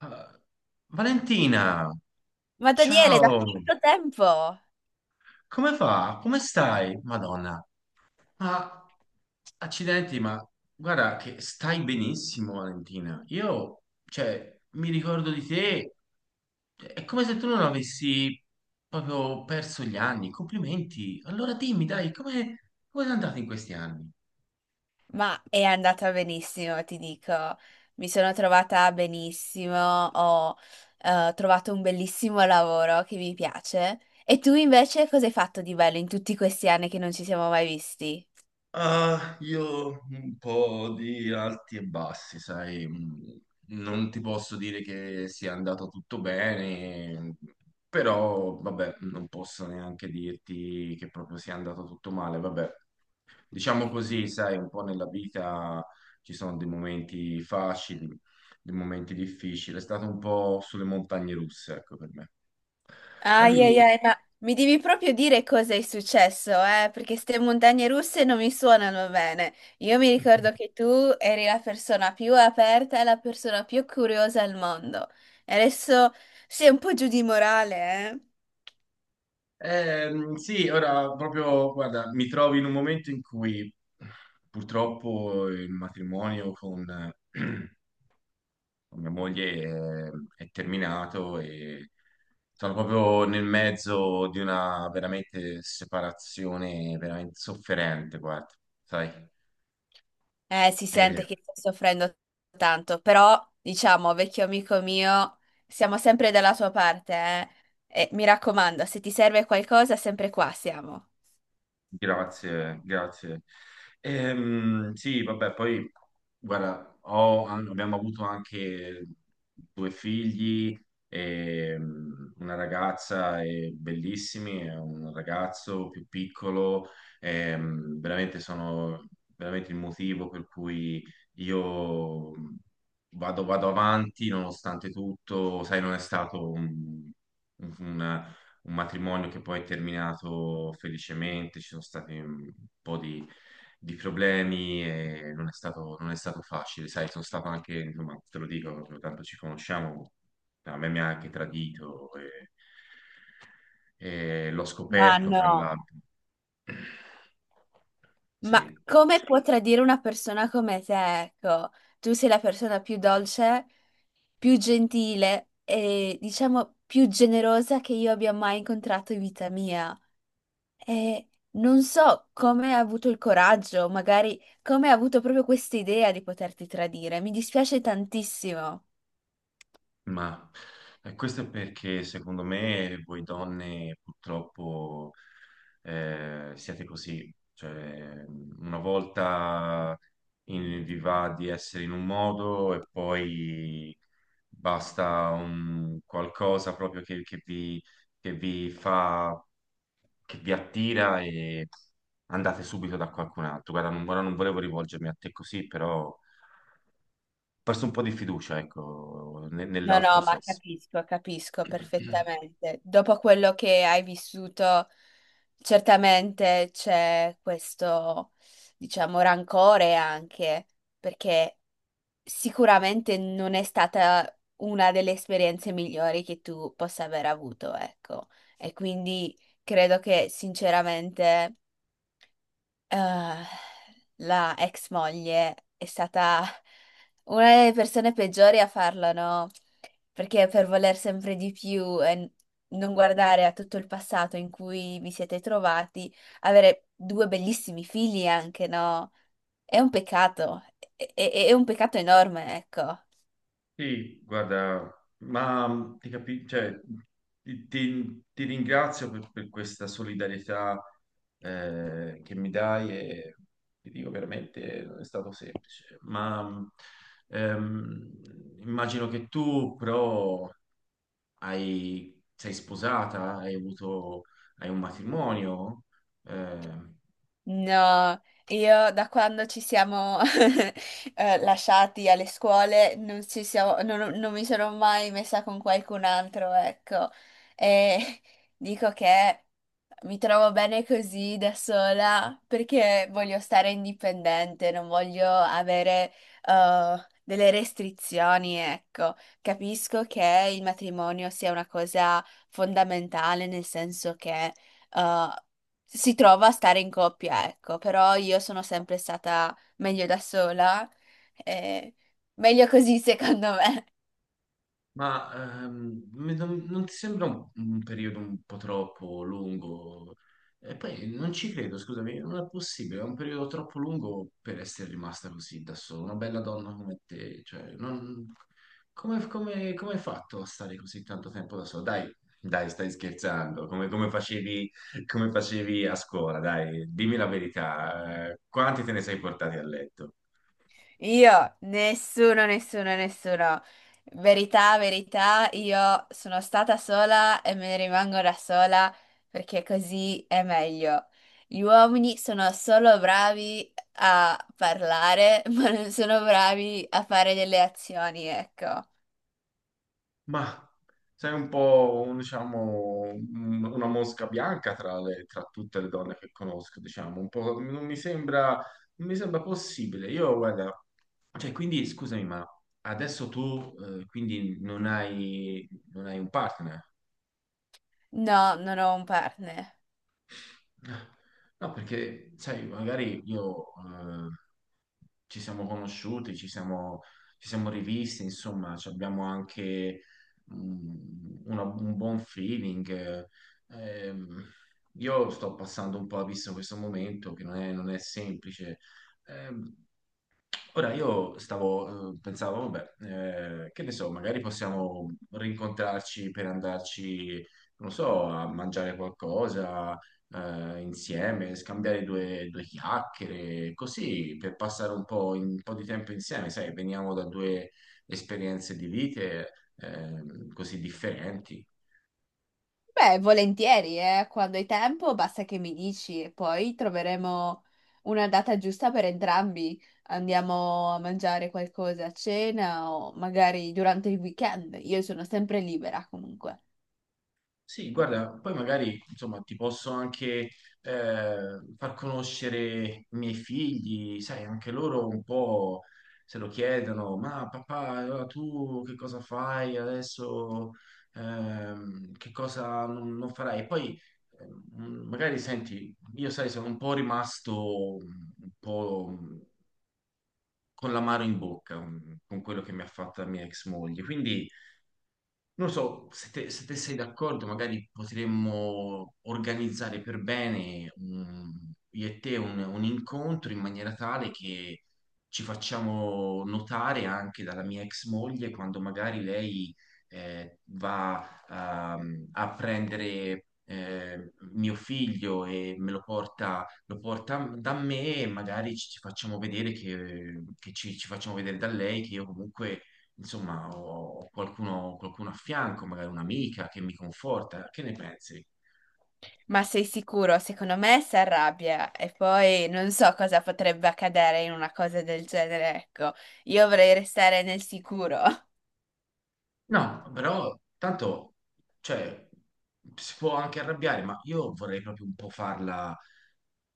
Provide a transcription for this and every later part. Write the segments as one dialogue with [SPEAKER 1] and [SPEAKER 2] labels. [SPEAKER 1] Ah, Valentina,
[SPEAKER 2] Ma Daniele, da
[SPEAKER 1] ciao,
[SPEAKER 2] quanto tempo?
[SPEAKER 1] come va? Come stai? Madonna, ma accidenti, guarda che stai benissimo, Valentina. Io, cioè, mi ricordo di te, è come se tu non avessi proprio perso gli anni. Complimenti. Allora dimmi, dai, come sei andato in questi anni?
[SPEAKER 2] Ma è andata benissimo, ti dico. Mi sono trovata benissimo, ho trovato un bellissimo lavoro che mi piace. E tu invece cosa hai fatto di bello in tutti questi anni che non ci siamo mai visti?
[SPEAKER 1] Ah, io un po' di alti e bassi, sai, non ti posso dire che sia andato tutto bene, però vabbè, non posso neanche dirti che proprio sia andato tutto male, vabbè. Diciamo così, sai, un po' nella vita ci sono dei momenti facili, dei momenti difficili, è stato un po' sulle montagne russe, ecco per me. Ma
[SPEAKER 2] Ai ai
[SPEAKER 1] dimmi,
[SPEAKER 2] ai, ma mi devi proprio dire cosa è successo, eh? Perché queste montagne russe non mi suonano bene. Io mi ricordo che tu eri la persona più aperta e la persona più curiosa al mondo. E adesso sei un po' giù di morale, eh?
[SPEAKER 1] Sì, ora proprio, guarda, mi trovo in un momento in cui purtroppo il matrimonio con, eh, con mia moglie è terminato e sono proprio nel mezzo di una veramente separazione veramente sofferente, guarda, sai?
[SPEAKER 2] Si sente che stai soffrendo tanto, però, diciamo, vecchio amico mio, siamo sempre dalla tua parte, eh? E mi raccomando, se ti serve qualcosa, sempre qua siamo.
[SPEAKER 1] Grazie, grazie. Sì, vabbè, poi, guarda, abbiamo avuto anche due figli, e, una ragazza e bellissimi, e un ragazzo più piccolo, veramente sono veramente il motivo per cui io vado avanti nonostante tutto, sai, non è stato un matrimonio che poi è terminato felicemente, ci sono stati un po' di problemi e non è stato, non è stato facile, sai, sono stato anche, insomma, te lo dico, tanto ci conosciamo, a me mi ha anche tradito e l'ho
[SPEAKER 2] Ma
[SPEAKER 1] scoperto
[SPEAKER 2] no.
[SPEAKER 1] fra l'altro.
[SPEAKER 2] Ma
[SPEAKER 1] Sì.
[SPEAKER 2] come può tradire una persona come te? Ecco, tu sei la persona più dolce, più gentile e diciamo più generosa che io abbia mai incontrato in vita mia. E non so come ha avuto il coraggio, magari come ha avuto proprio questa idea di poterti tradire. Mi dispiace tantissimo.
[SPEAKER 1] Ma questo è perché secondo me voi donne purtroppo siete così, cioè una volta vi va di essere in un modo e poi basta un qualcosa proprio che vi fa, che vi attira e andate subito da qualcun altro. Guarda, non, ora non volevo rivolgermi a te così, però ho perso un po' di fiducia, ecco,
[SPEAKER 2] No,
[SPEAKER 1] nell'altro
[SPEAKER 2] no, ma
[SPEAKER 1] sesso.
[SPEAKER 2] capisco, capisco perfettamente. Dopo quello che hai vissuto, certamente c'è questo, diciamo, rancore anche, perché sicuramente non è stata una delle esperienze migliori che tu possa aver avuto, ecco. E quindi credo che sinceramente eh, la ex moglie è stata una delle persone peggiori a farlo, no? Perché per voler sempre di più e non guardare a tutto il passato in cui vi siete trovati, avere due bellissimi figli anche, no? È un peccato, è un peccato enorme, ecco.
[SPEAKER 1] Sì, guarda, cioè, ti ringrazio per questa solidarietà che mi dai e ti dico veramente non è stato semplice, ma ehm, immagino che tu però sei sposata, hai avuto, hai un matrimonio, eh.
[SPEAKER 2] No, io da quando ci siamo lasciati alle scuole non, ci siamo- non- non mi sono mai messa con qualcun altro, ecco. E dico che mi trovo bene così da sola perché voglio stare indipendente, non voglio avere delle restrizioni, ecco. Capisco che il matrimonio sia una cosa fondamentale, nel senso che eh, si trova a stare in coppia, ecco, però io sono sempre stata meglio da sola, eh, meglio così secondo me.
[SPEAKER 1] Ma non, non ti sembra un periodo un po' troppo lungo? E poi non ci credo, scusami, non è possibile, è un periodo troppo lungo per essere rimasta così da sola, una bella donna come te, cioè, come, come hai fatto a stare così tanto tempo da sola? Dai, dai, stai scherzando, come, come facevi a scuola, dai, dimmi la verità, quanti te ne sei portati a letto?
[SPEAKER 2] Io, nessuno, nessuno, nessuno. Verità, verità, io sono stata sola e me ne rimango da sola perché così è meglio. Gli uomini sono solo bravi a parlare, ma non sono bravi a fare delle azioni, ecco.
[SPEAKER 1] Ma sei un po', diciamo, una mosca bianca tra, tra tutte le donne che conosco, diciamo, un po', non mi sembra, non mi sembra possibile. Io, guarda, cioè, quindi, scusami, ma adesso tu, quindi non hai, non hai un partner?
[SPEAKER 2] No, non ho un partner.
[SPEAKER 1] No, perché, sai, magari io ci siamo conosciuti, ci siamo rivisti, insomma, ci abbiamo anche un buon feeling, Ehm, io sto passando un po' a vista questo momento che non è, non è semplice. Ehm, Ora io stavo, pensavo, vabbè, che ne so, magari possiamo rincontrarci per andarci, non so, a mangiare qualcosa, insieme, scambiare due, due chiacchiere, così per passare un po', un po' di tempo insieme, sai, veniamo da due esperienze di vite, così differenti.
[SPEAKER 2] Beh, volentieri, eh. Quando hai tempo basta che mi dici e poi troveremo una data giusta per entrambi. Andiamo a mangiare qualcosa a cena o magari durante il weekend. Io sono sempre libera comunque.
[SPEAKER 1] Sì, guarda, poi magari insomma ti posso anche far conoscere i miei figli, sai, anche loro un po' se lo chiedono, ma papà, allora tu che cosa fai adesso? Che cosa non, non farai? Poi magari senti, io sai, sono un po' rimasto un po' con l'amaro in bocca, con quello che mi ha fatto la mia ex moglie, quindi non so, se te, se te sei d'accordo, magari potremmo organizzare per bene io e te un incontro in maniera tale che ci facciamo notare anche dalla mia ex moglie quando magari lei va a prendere mio figlio e me lo porta da me e magari ci, ci facciamo vedere che ci, ci facciamo vedere da lei che io comunque insomma, ho ho qualcuno, qualcuno a fianco, magari un'amica che mi conforta. Che ne pensi?
[SPEAKER 2] Ma sei sicuro? Secondo me si arrabbia e poi non so cosa potrebbe accadere in una cosa del genere, ecco. Io vorrei restare nel sicuro.
[SPEAKER 1] No, però tanto, cioè, si può anche arrabbiare, ma io vorrei proprio un po' farla,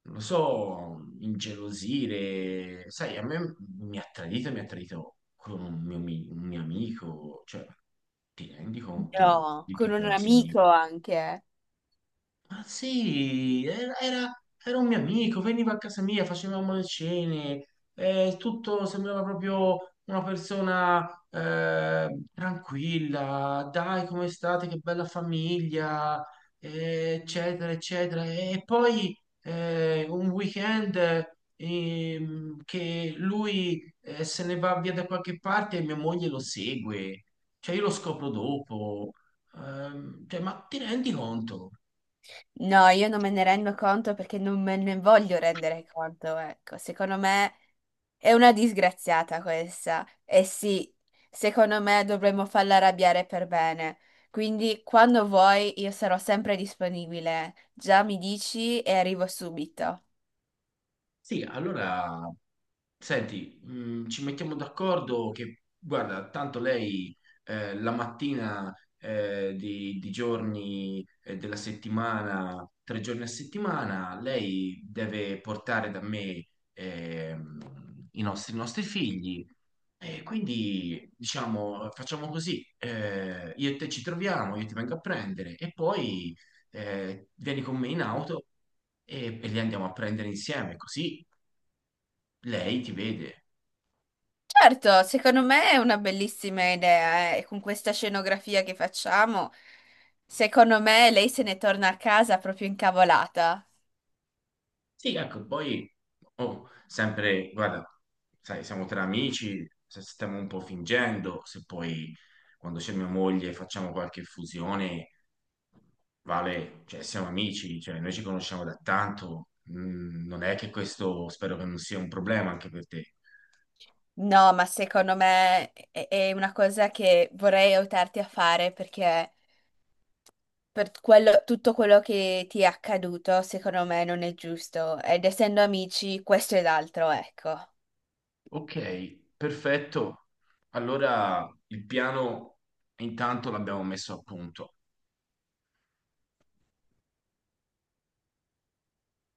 [SPEAKER 1] non lo so, ingelosire. Sai, a me mi ha tradito con un mio, un mio amico, cioè, ti rendi conto
[SPEAKER 2] No,
[SPEAKER 1] di
[SPEAKER 2] con
[SPEAKER 1] che
[SPEAKER 2] un
[SPEAKER 1] cosa
[SPEAKER 2] amico
[SPEAKER 1] significa?
[SPEAKER 2] anche.
[SPEAKER 1] Ma sì, era, era un mio amico, veniva a casa mia, facevamo le cene, tutto sembrava proprio una persona tranquilla, dai, come state, che bella famiglia, eccetera, eccetera. E poi un weekend che lui se ne va via da qualche parte e mia moglie lo segue, cioè io lo scopro dopo. Cioè, ma ti rendi conto?
[SPEAKER 2] No, io non me ne rendo conto perché non me ne voglio rendere conto, ecco. Secondo me è una disgraziata questa. E sì, secondo me dovremmo farla arrabbiare per bene. Quindi quando vuoi io sarò sempre disponibile. Già mi dici e arrivo subito.
[SPEAKER 1] Sì, allora, senti, ci mettiamo d'accordo che, guarda, tanto lei la mattina di giorni della settimana, 3 giorni a settimana, lei deve portare da me ehm, i nostri figli e quindi, diciamo, facciamo così, io e te ci troviamo, io ti vengo a prendere e poi vieni con me in auto e li andiamo a prendere insieme, così lei ti vede.
[SPEAKER 2] Certo, secondo me è una bellissima idea, eh. E con questa scenografia che facciamo, secondo me lei se ne torna a casa proprio incavolata.
[SPEAKER 1] Sì, ecco, poi oh, sempre, guarda, sai, siamo tra amici, se stiamo un po' fingendo, se poi quando c'è mia moglie facciamo qualche fusione, vale, cioè siamo amici, cioè noi ci conosciamo da tanto, non è che questo spero che non sia un problema anche per te.
[SPEAKER 2] No, ma secondo me è una cosa che vorrei aiutarti a fare perché tutto quello che ti è accaduto, secondo me non è giusto. Ed essendo amici, questo ed altro, ecco.
[SPEAKER 1] Ok, perfetto. Allora il piano intanto l'abbiamo messo a punto.